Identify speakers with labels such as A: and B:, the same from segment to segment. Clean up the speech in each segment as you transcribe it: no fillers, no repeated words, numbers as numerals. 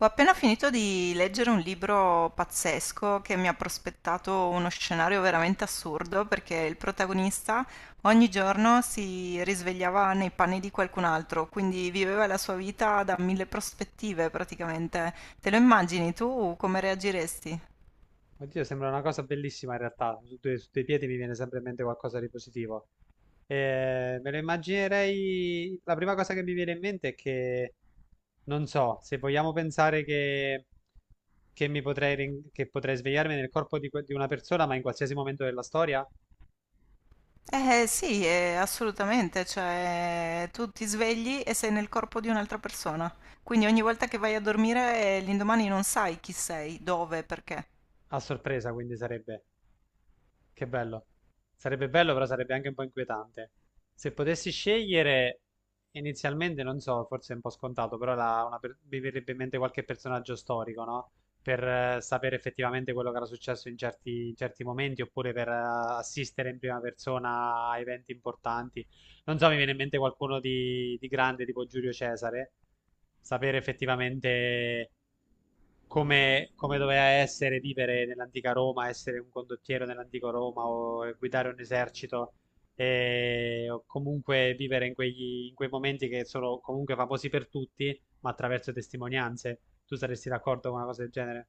A: Ho appena finito di leggere un libro pazzesco che mi ha prospettato uno scenario veramente assurdo perché il protagonista ogni giorno si risvegliava nei panni di qualcun altro, quindi viveva la sua vita da mille prospettive praticamente. Te lo immagini tu come reagiresti?
B: Oddio, sembra una cosa bellissima in realtà. Su due piedi mi viene sempre in mente qualcosa di positivo. Me lo immaginerei. La prima cosa che mi viene in mente è che. Non so se vogliamo pensare che mi potrei, che potrei svegliarmi nel corpo di, di una persona, ma in qualsiasi momento della storia,
A: Eh sì, assolutamente, cioè tu ti svegli e sei nel corpo di un'altra persona, quindi ogni volta che vai a dormire, l'indomani non sai chi sei, dove, perché.
B: a sorpresa, quindi sarebbe. Che bello. Sarebbe bello, però sarebbe anche un po' inquietante. Se potessi scegliere, inizialmente, non so, forse è un po' scontato, però mi verrebbe in mente qualche personaggio storico, no? Per sapere effettivamente quello che era successo in certi momenti, oppure per assistere in prima persona a eventi importanti. Non so, mi viene in mente qualcuno di grande, tipo Giulio Cesare, sapere effettivamente come doveva essere vivere nell'antica Roma, essere un condottiero nell'antico Roma o guidare un esercito, o comunque vivere in in quei momenti che sono comunque famosi per tutti, ma attraverso testimonianze. Tu saresti d'accordo con una cosa del genere?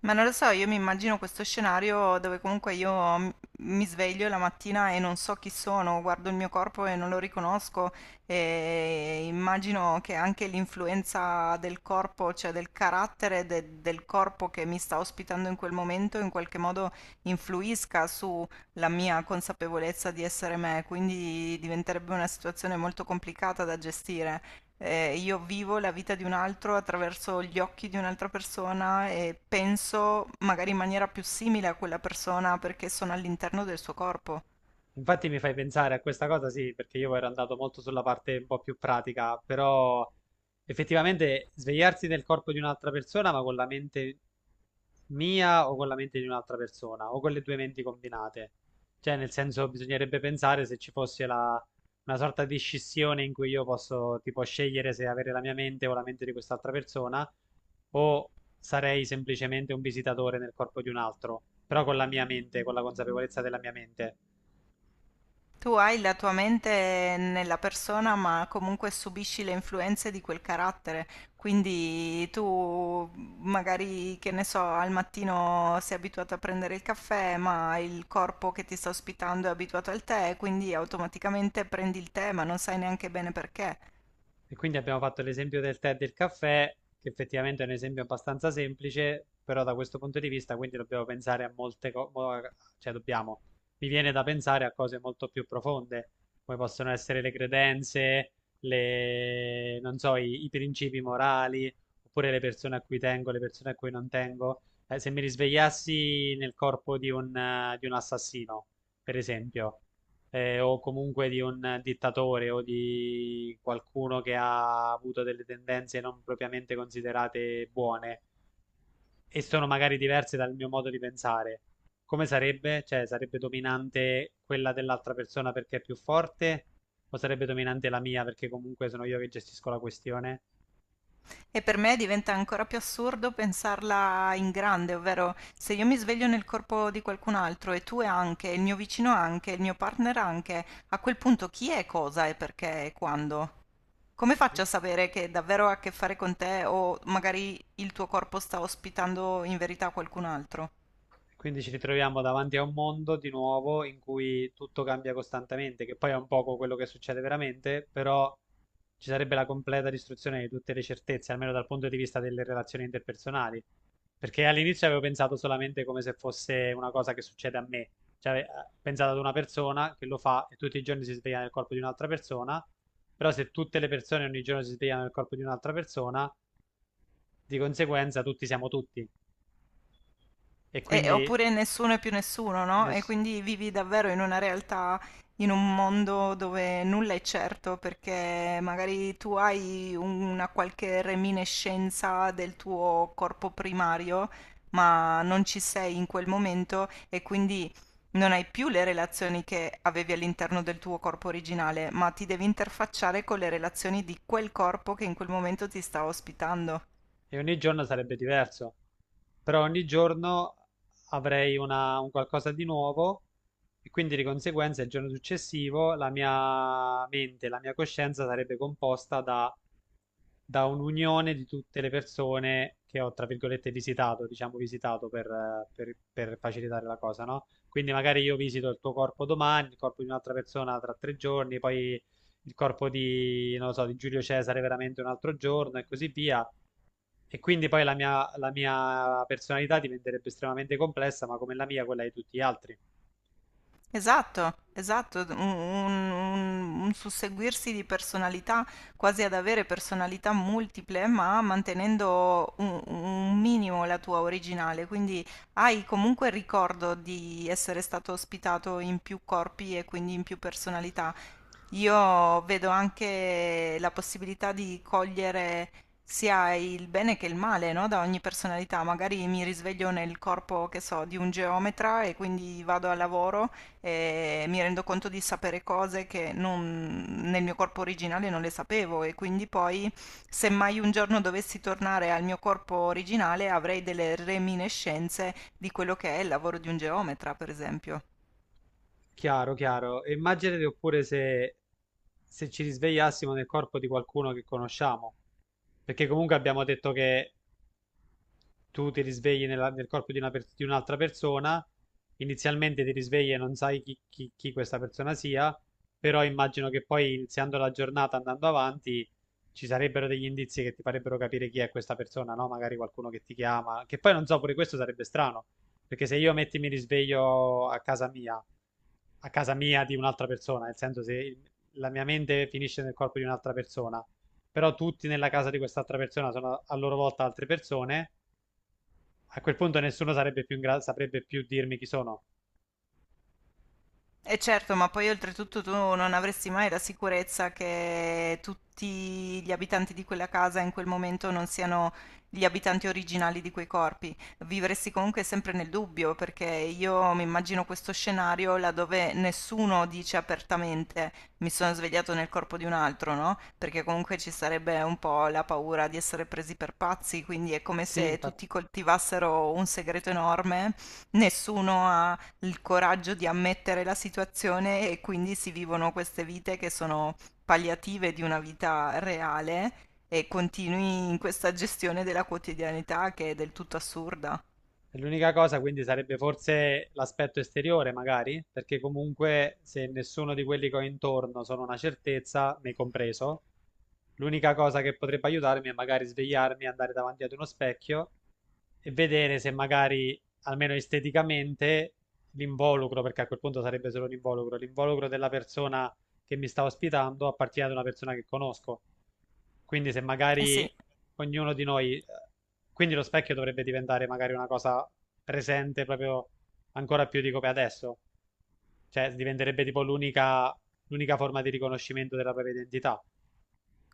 A: Ma non lo so, io mi immagino questo scenario dove comunque io mi sveglio la mattina e non so chi sono, guardo il mio corpo e non lo riconosco e immagino che anche l'influenza del corpo, cioè del carattere del corpo che mi sta ospitando in quel momento, in qualche modo influisca sulla mia consapevolezza di essere me, quindi diventerebbe una situazione molto complicata da gestire. Io vivo la vita di un altro attraverso gli occhi di un'altra persona e penso magari in maniera più simile a quella persona perché sono all'interno del suo corpo.
B: Infatti mi fai pensare a questa cosa, sì, perché io ero andato molto sulla parte un po' più pratica, però effettivamente svegliarsi nel corpo di un'altra persona, ma con la mente mia o con la mente di un'altra persona, o con le due menti combinate. Cioè, nel senso, bisognerebbe pensare se ci fosse una sorta di scissione in cui io posso, tipo, scegliere se avere la mia mente o la mente di quest'altra persona, o sarei semplicemente un visitatore nel corpo di un altro, però con la mia mente, con la consapevolezza della mia mente.
A: Tu hai la tua mente nella persona, ma comunque subisci le influenze di quel carattere. Quindi tu magari, che ne so, al mattino sei abituato a prendere il caffè, ma il corpo che ti sta ospitando è abituato al tè, quindi automaticamente prendi il tè, ma non sai neanche bene perché.
B: E quindi abbiamo fatto l'esempio del tè e del caffè, che effettivamente è un esempio abbastanza semplice, però da questo punto di vista quindi dobbiamo pensare a molte cose, cioè dobbiamo, mi viene da pensare a cose molto più profonde, come possono essere le credenze, le, non so, i principi morali, oppure le persone a cui tengo, le persone a cui non tengo. Se mi risvegliassi nel corpo di un assassino, per esempio, o comunque di un dittatore o di qualcuno che ha avuto delle tendenze non propriamente considerate buone e sono magari diverse dal mio modo di pensare. Come sarebbe? Cioè, sarebbe dominante quella dell'altra persona perché è più forte o sarebbe dominante la mia perché comunque sono io che gestisco la questione?
A: E per me diventa ancora più assurdo pensarla in grande, ovvero se io mi sveglio nel corpo di qualcun altro e tu anche, il mio vicino anche, il mio partner anche, a quel punto chi è cosa e perché e quando? Come faccio a sapere che davvero ha a che fare con te o magari il tuo corpo sta ospitando in verità qualcun altro?
B: Quindi ci ritroviamo davanti a un mondo di nuovo in cui tutto cambia costantemente, che poi è un poco quello che succede veramente, però ci sarebbe la completa distruzione di tutte le certezze, almeno dal punto di vista delle relazioni interpersonali. Perché all'inizio avevo pensato solamente come se fosse una cosa che succede a me, cioè pensato ad una persona che lo fa e tutti i giorni si sveglia nel corpo di un'altra persona, però se tutte le persone ogni giorno si svegliano nel corpo di un'altra persona, di conseguenza tutti siamo tutti e quindi
A: Oppure nessuno è più nessuno, no? E
B: ness-
A: quindi vivi davvero in una realtà, in un mondo dove nulla è certo, perché magari tu hai una qualche reminiscenza del tuo corpo primario, ma non ci sei in quel momento e quindi non hai più le relazioni che avevi all'interno del tuo corpo originale, ma ti devi interfacciare con le relazioni di quel corpo che in quel momento ti sta ospitando.
B: e ogni giorno sarebbe diverso, però ogni giorno avrei un qualcosa di nuovo e quindi di conseguenza il giorno successivo la mia mente, la mia coscienza sarebbe composta da un'unione di tutte le persone che ho, tra virgolette, visitato, diciamo visitato per, per facilitare la cosa, no? Quindi magari io visito il tuo corpo domani, il corpo di un'altra persona tra tre giorni, poi il corpo di, non lo so, di Giulio Cesare veramente un altro giorno e così via. E quindi poi la mia personalità diventerebbe estremamente complessa, ma come la mia, quella di tutti gli altri.
A: Esatto, esatto, un susseguirsi di personalità, quasi ad avere personalità multiple, ma mantenendo un minimo la tua originale. Quindi hai comunque il ricordo di essere stato ospitato in più corpi e quindi in più personalità. Io vedo anche la possibilità di cogliere sia il bene che il male, no? Da ogni personalità. Magari mi risveglio nel corpo, che so, di un geometra e quindi vado al lavoro, mi rendo conto di sapere cose che nel mio corpo originale non le sapevo e quindi poi se mai un giorno dovessi tornare al mio corpo originale avrei delle reminiscenze di quello che è il lavoro di un geometra, per esempio.
B: Chiaro, chiaro. E immaginate oppure se, se ci risvegliassimo nel corpo di qualcuno che conosciamo, perché comunque abbiamo detto che tu ti risvegli nel corpo di, di un'altra persona, inizialmente ti risvegli e non sai chi, chi questa persona sia, però immagino che poi iniziando la giornata, andando avanti, ci sarebbero degli indizi che ti farebbero capire chi è questa persona, no? Magari qualcuno che ti chiama, che poi non so, pure questo sarebbe strano, perché se io metti mi risveglio a casa mia di un'altra persona, nel senso se la mia mente finisce nel corpo di un'altra persona, però tutti nella casa di quest'altra persona sono a loro volta altre persone, a quel punto nessuno sarebbe più saprebbe più dirmi chi sono.
A: E certo, ma poi oltretutto tu non avresti mai la sicurezza che tutti gli abitanti di quella casa in quel momento non siano gli abitanti originali di quei corpi. Vivresti comunque sempre nel dubbio, perché io mi immagino questo scenario laddove nessuno dice apertamente mi sono svegliato nel corpo di un altro, no? Perché comunque ci sarebbe un po' la paura di essere presi per pazzi, quindi è come
B: Sì,
A: se
B: infatti.
A: tutti coltivassero un segreto enorme, nessuno ha il coraggio di ammettere la situazione e quindi si vivono queste vite che sono palliative di una vita reale e continui in questa gestione della quotidianità che è del tutto assurda.
B: È l'unica cosa quindi sarebbe forse l'aspetto esteriore, magari, perché comunque se nessuno di quelli che ho intorno sono una certezza, me compreso, l'unica cosa che potrebbe aiutarmi è magari svegliarmi, andare davanti ad uno specchio e vedere se magari, almeno esteticamente, l'involucro, perché a quel punto sarebbe solo l'involucro, l'involucro della persona che mi sta ospitando appartiene ad una persona che conosco. Quindi se
A: Eh
B: magari
A: sì,
B: ognuno di noi, quindi lo specchio dovrebbe diventare magari una cosa presente proprio ancora più di come è adesso. Cioè, diventerebbe tipo l'unica forma di riconoscimento della propria identità.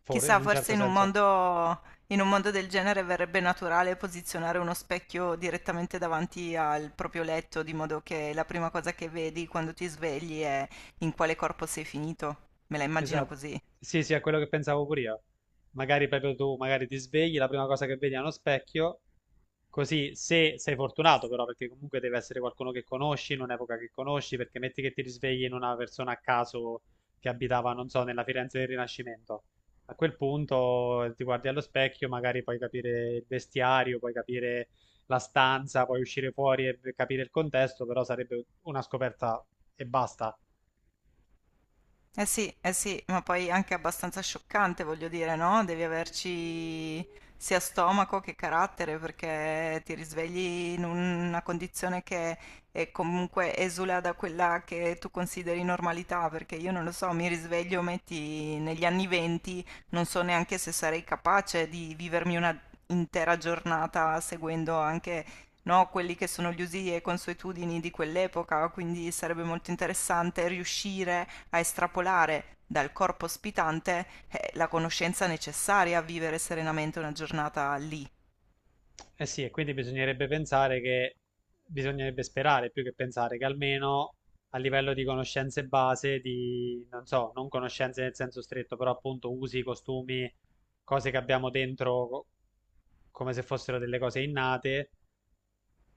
B: In
A: chissà,
B: un
A: forse
B: certo senso.
A: in un mondo del genere verrebbe naturale posizionare uno specchio direttamente davanti al proprio letto, di modo che la prima cosa che vedi quando ti svegli è in quale corpo sei finito. Me la immagino
B: Esatto.
A: così.
B: Sì, sì, è quello che pensavo pure io. Magari proprio tu, magari ti svegli, la prima cosa che vedi è uno specchio, così se sei fortunato però, perché comunque deve essere qualcuno che conosci, in un'epoca che conosci, perché metti che ti risvegli in una persona a caso che abitava, non so, nella Firenze del Rinascimento. A quel punto ti guardi allo specchio, magari puoi capire il vestiario, puoi capire la stanza, puoi uscire fuori e capire il contesto, però sarebbe una scoperta e basta.
A: Sì, eh sì, ma poi anche abbastanza scioccante, voglio dire, no? Devi averci sia stomaco che carattere perché ti risvegli in una condizione che è comunque esula da quella che tu consideri normalità, perché io non lo so, mi risveglio, metti negli anni venti, non so neanche se sarei capace di vivermi una intera giornata seguendo anche no, quelli che sono gli usi e consuetudini di quell'epoca, quindi sarebbe molto interessante riuscire a estrapolare dal corpo ospitante, la conoscenza necessaria a vivere serenamente una giornata lì.
B: Eh sì, e quindi bisognerebbe pensare che, bisognerebbe sperare più che pensare che almeno a livello di conoscenze base, di, non so, non conoscenze nel senso stretto, però appunto usi, costumi, cose che abbiamo dentro come se fossero delle cose innate,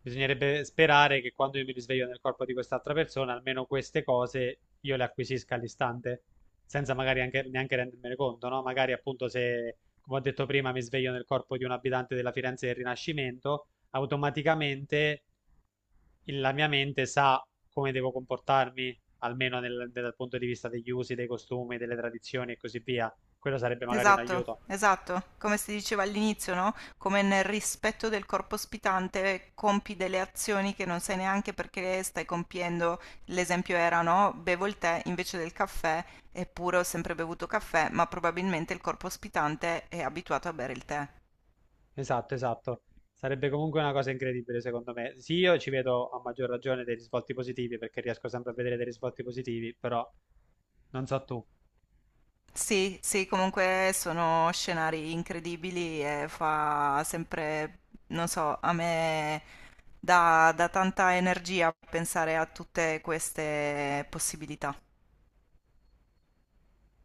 B: bisognerebbe sperare che quando io mi risveglio nel corpo di quest'altra persona, almeno queste cose io le acquisisca all'istante, senza magari anche, neanche rendermene conto, no? Magari appunto se, come ho detto prima, mi sveglio nel corpo di un abitante della Firenze del Rinascimento, automaticamente la mia mente sa come devo comportarmi, almeno dal punto di vista degli usi, dei costumi, delle tradizioni e così via. Quello sarebbe magari un aiuto.
A: Esatto, esatto, come si diceva all'inizio, no? Come nel rispetto del corpo ospitante compi delle azioni che non sai neanche perché le stai compiendo. L'esempio era, no? Bevo il tè invece del caffè, eppure ho sempre bevuto caffè, ma probabilmente il corpo ospitante è abituato a bere il tè.
B: Esatto, esatto. Sarebbe comunque una cosa incredibile, secondo me. Sì, io ci vedo a maggior ragione dei risvolti positivi perché riesco sempre a vedere dei risvolti positivi, però non so tu.
A: Sì, sì, comunque sono scenari incredibili e fa sempre, non so, a me dà tanta energia pensare a tutte queste possibilità.